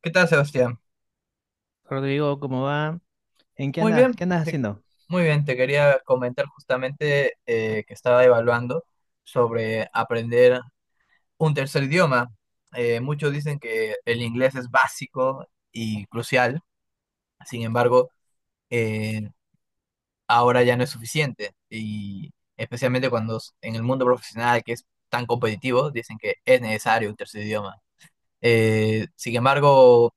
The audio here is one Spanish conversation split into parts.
¿Qué tal, Sebastián? Rodrigo, ¿cómo va? ¿En qué Muy andas? bien, ¿Qué andas te- haciendo? Muy bien. Te quería comentar justamente que estaba evaluando sobre aprender un tercer idioma. Muchos dicen que el inglés es básico y crucial. Sin embargo, eh, ahora ya no es suficiente. Y especialmente en el mundo profesional, que es tan competitivo, dicen que es necesario un tercer idioma. Sin embargo,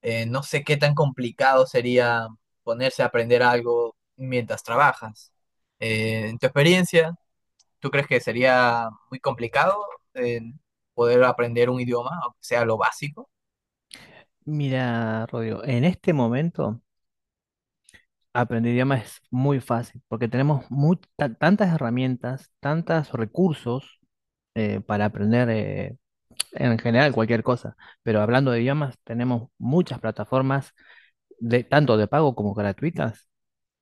No sé qué tan complicado sería ponerse a aprender algo mientras trabajas. En tu experiencia, ¿tú crees que sería muy complicado eh, poder aprender un idioma, aunque sea lo básico? Mira, Rodrigo, en este momento aprender idiomas es muy fácil porque tenemos tantas herramientas, tantos recursos para aprender en general cualquier cosa. Pero hablando de idiomas, tenemos muchas plataformas tanto de pago como gratuitas,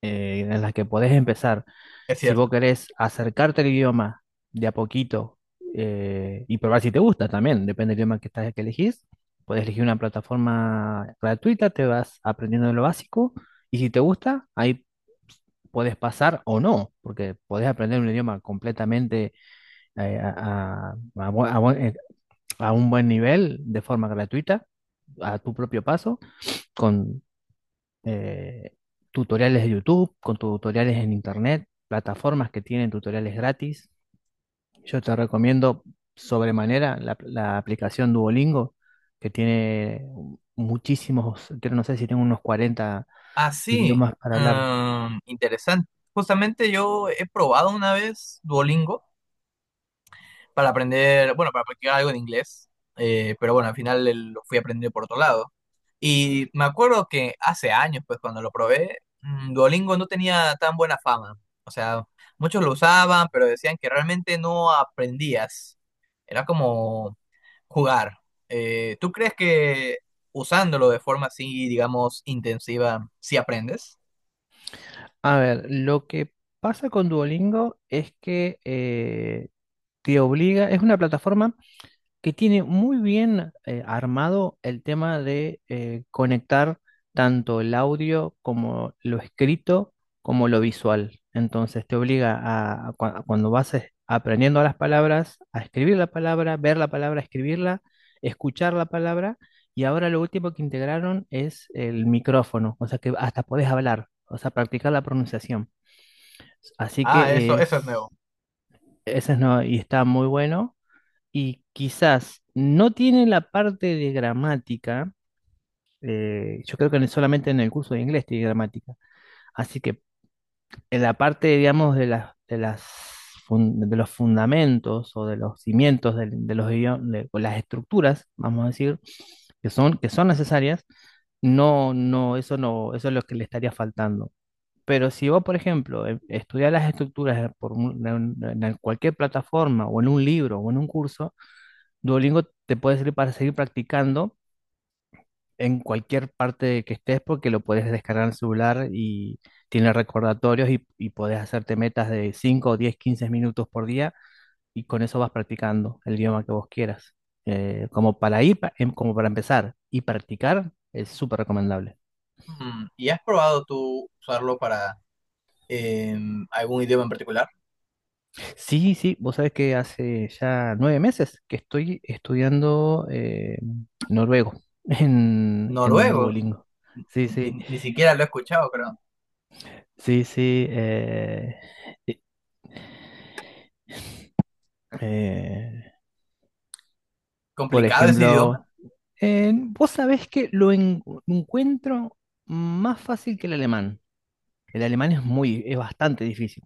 en las que podés empezar. Es Si vos cierto. querés acercarte al idioma de a poquito y probar si te gusta también, depende del idioma que elegís, podés elegir una plataforma gratuita, te vas aprendiendo lo básico, y si te gusta, ahí podés pasar o no, porque podés aprender un idioma completamente eh, a, a- a bu- a buen- eh, a un buen nivel de forma gratuita, a tu propio paso, con eh, tutoriales de YouTube, con tutoriales en Internet, plataformas que tienen tutoriales gratis. Yo te recomiendo sobremanera la aplicación Duolingo, que tiene muchísimos, creo, no sé si tengo unos 40 Ah, sí. idiomas para hablar. Mm, interesante. Justamente yo he probado una vez Duolingo, para aprender, bueno, para practicar algo en inglés. Eh, pero bueno, al final lo fui aprendiendo por otro lado. Y me acuerdo que hace años, pues cuando lo probé, Duolingo no tenía tan buena fama. O sea, muchos lo usaban, pero decían que realmente no aprendías. Era como jugar. ¿tú crees que usándolo de forma así, digamos, intensiva, sí aprendes? A ver, lo que pasa con Duolingo es que te obliga, es una plataforma que tiene muy bien armado el tema de conectar tanto el audio como lo escrito como lo visual. Entonces te obliga a, a cuando vas aprendiendo las palabras, a escribir la palabra, ver la palabra, escribirla, escuchar la palabra. Y ahora lo último que integraron es el micrófono, o sea que hasta podés hablar, o sea, practicar la pronunciación. Así Ah, eso, que eso es nuevo. es, ese es no, y está muy bueno. Y quizás no tiene la parte de gramática. Yo creo que solamente en el curso de inglés tiene gramática, así que en la parte, digamos, de las de los fundamentos, o de los cimientos de los idiomas, o las estructuras, vamos a decir, que son necesarias, no, no, eso no, eso es lo que le estaría faltando. Pero si vos, por ejemplo, estudias las estructuras por un- en cualquier plataforma, o en un libro, o en un curso, Duolingo te puede servir para seguir practicando en cualquier parte que estés, porque lo puedes descargar en el celular y tiene recordatorios, y podés hacerte metas de 5, 10, 15 minutos por día, y con eso vas practicando el idioma que vos quieras. Como para ir, como para empezar y practicar, es súper recomendable. Mm, ¿y has probado tú usarlo para algún idioma en particular? Sí, sí, vos sabés que hace ya 9 meses que estoy estudiando noruego en Noruego. Duolingo. Sí, Ni, sí. ni- ni siquiera lo he escuchado, creo. Sí, sí. Eh, eh, por Complicado ese idioma. ejemplo, vos sabés que lo encuentro más fácil que el alemán. El alemán es bastante difícil.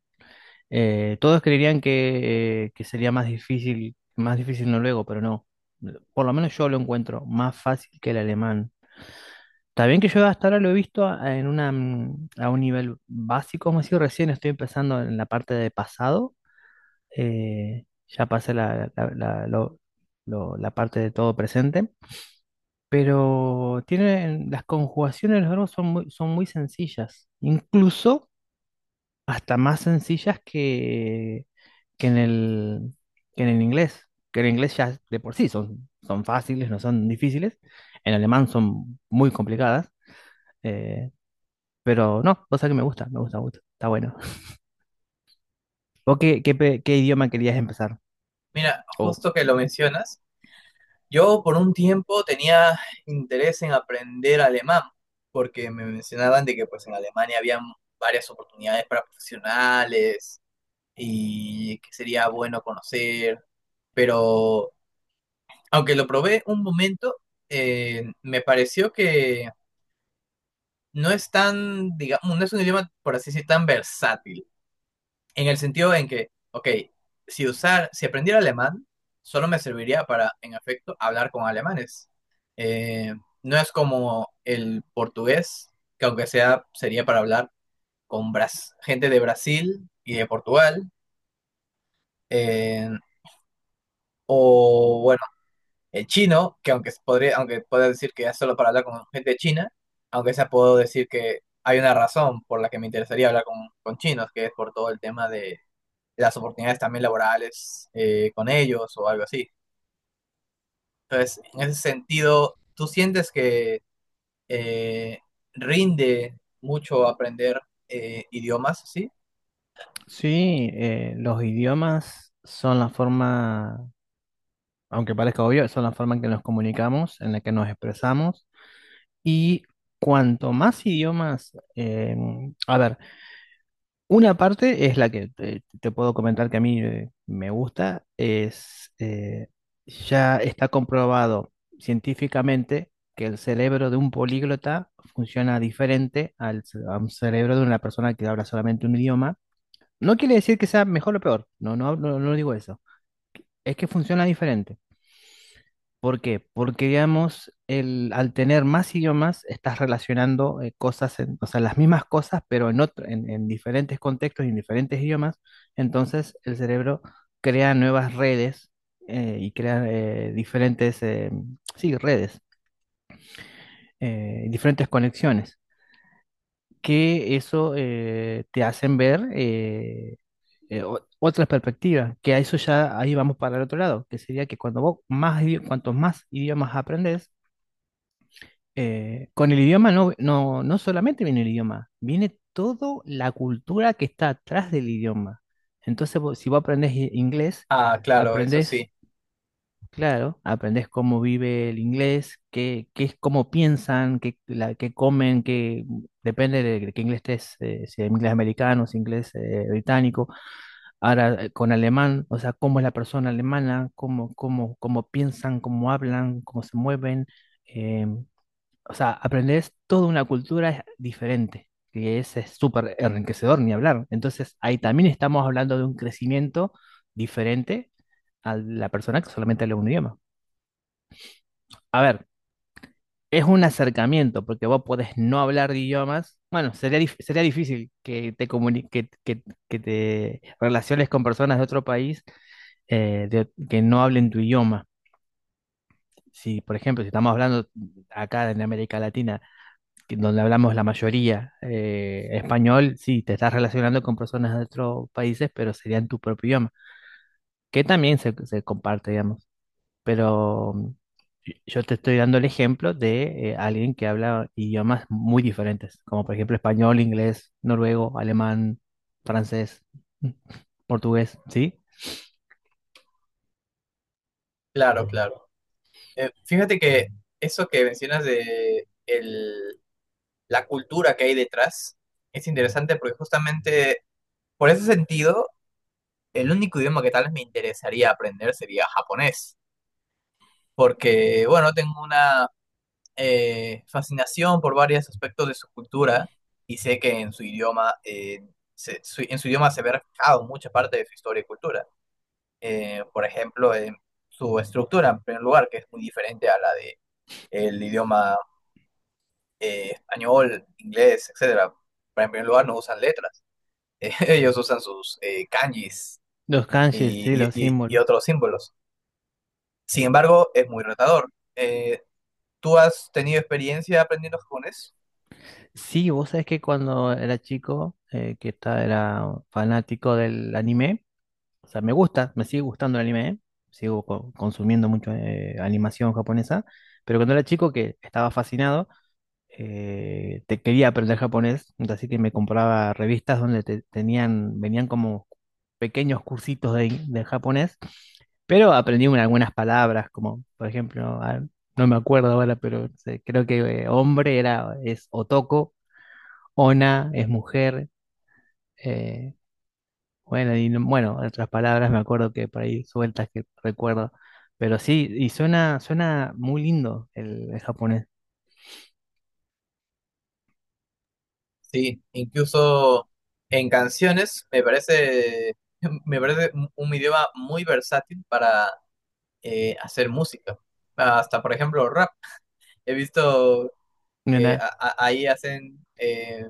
Todos creerían que sería más difícil, noruego, pero no. Por lo menos yo lo encuentro más fácil que el alemán. Está bien que yo hasta ahora lo he visto a un nivel básico, como si recién estoy empezando en la parte de pasado. Ya pasé la parte de todo presente, pero tienen, las conjugaciones de los verbos son muy sencillas, incluso hasta más sencillas que en el inglés ya de por sí son fáciles, no son difíciles. En alemán son muy complicadas. eh, pero no, cosa que me gusta, me gusta, me gusta, está bueno. ¿Vos qué, qué idioma querías empezar? Mira, O justo que lo mencionas, yo por un tiempo tenía interés en aprender alemán, porque me mencionaban de que pues en Alemania había varias oportunidades para profesionales y que sería bueno conocer, pero aunque lo probé un momento, me pareció que no es tan, digamos, no es un idioma, por así decir, tan versátil. En el sentido en que, ok, si aprendiera alemán, solo me serviría para, en efecto, hablar con alemanes. Eh, no es como el portugués, que aunque sea, sería para hablar con gente de Brasil y de Portugal. eh, o bueno, el chino, que aunque podría, aunque pueda decir que es solo para hablar con gente de China, aunque sea puedo decir que hay una razón por la que me interesaría hablar con chinos, que es por todo el tema de las oportunidades también laborales con ellos o algo así. Entonces, en ese sentido, ¿tú sientes que eh, rinde mucho aprender idiomas, sí? Sí, los idiomas son la forma, aunque parezca obvio, son la forma en que nos comunicamos, en la que nos expresamos. Y cuanto más idiomas, a ver, una parte es la que te puedo comentar que a mí me gusta, es ya está comprobado científicamente que el cerebro de un políglota funciona diferente a un cerebro de una persona que habla solamente un idioma. No quiere decir que sea mejor o peor, no, no, no, no digo eso. Es que funciona diferente. ¿Por qué? Porque, digamos, al tener más idiomas, estás relacionando cosas, o sea, las mismas cosas, pero en diferentes contextos y en diferentes idiomas. Entonces, el cerebro crea nuevas redes, y crea diferentes, sí, redes, diferentes conexiones, que eso te hacen ver, otras perspectivas, que a eso ya ahí vamos para el otro lado, que sería que cuando cuantos más idiomas aprendés, con el idioma no, no solamente viene el idioma, viene toda la cultura que está atrás del idioma. Entonces, si vos aprendés inglés, Ah, claro, eso aprendés, sí, claro, aprendés cómo vive el inglés, qué, qué es, cómo piensan, qué, qué comen, depende de qué inglés estés, si es inglés americano, si es inglés británico. Ahora, con alemán, o sea, cómo es la persona alemana, cómo piensan, cómo hablan, cómo se mueven. eh, o sea, aprendes toda una cultura diferente, que es súper enriquecedor, ni hablar. Entonces, ahí también estamos hablando de un crecimiento diferente a la persona que solamente habla un idioma. A ver, es un acercamiento, porque vos podés no hablar de idiomas. Bueno, sería difícil que que te relaciones con personas de otro país, que no hablen tu idioma. Si, por ejemplo, si estamos hablando acá en América Latina, donde hablamos la mayoría español, sí, te estás relacionando con personas de otros países, pero serían tu propio idioma, que también se comparte, digamos. Pero yo te estoy dando el ejemplo de alguien que habla idiomas muy diferentes, como por ejemplo español, inglés, noruego, alemán, francés, portugués, ¿sí? claro, claro. Fíjate que eso que mencionas de la cultura que hay detrás es interesante porque justamente por ese sentido, el único idioma que tal vez me interesaría aprender sería japonés, porque, bueno, tengo una fascinación por varios aspectos de su cultura y sé que en su idioma, en su idioma se ve reflejado mucha parte de su historia y cultura. Por ejemplo, en su estructura, en primer lugar, que es muy diferente a la de el idioma español, inglés, etcétera. Pero en primer lugar, no usan letras. Ellos usan sus kanjis Los kanjis, sí, y, los y- y- y símbolos. otros símbolos. Sin embargo, es muy retador. ¿tú has tenido experiencia aprendiendo japonés? Sí, vos sabés que cuando era chico, que era fanático del anime. O sea, me gusta, me sigue gustando el anime, ¿eh? Sigo consumiendo mucho animación japonesa, pero cuando era chico que estaba fascinado, te quería aprender japonés, así que me compraba revistas donde venían como pequeños cursitos de japonés, pero aprendí algunas palabras, como por ejemplo, ah, no me acuerdo ahora, pero creo que hombre es otoko. Ona es mujer. eh, bueno, en otras palabras me acuerdo que por ahí sueltas que recuerdo. Pero sí, y suena muy lindo el japonés. Sí, incluso en canciones me parece, me parece un idioma muy versátil para hacer música. Hasta, por ejemplo, rap. He visto que Nena, ahí hacen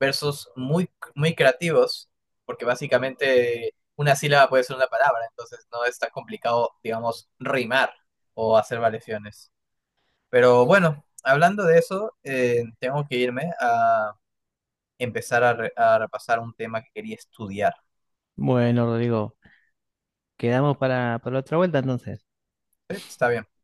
versos muy, muy creativos, porque básicamente una sílaba puede ser una palabra, entonces no es tan complicado, digamos, rimar o hacer variaciones. Pero bueno, hablando de eso, tengo que irme empezar a, a repasar un tema que quería estudiar. bueno, Rodrigo, quedamos para otra vuelta entonces. Sí, está bien.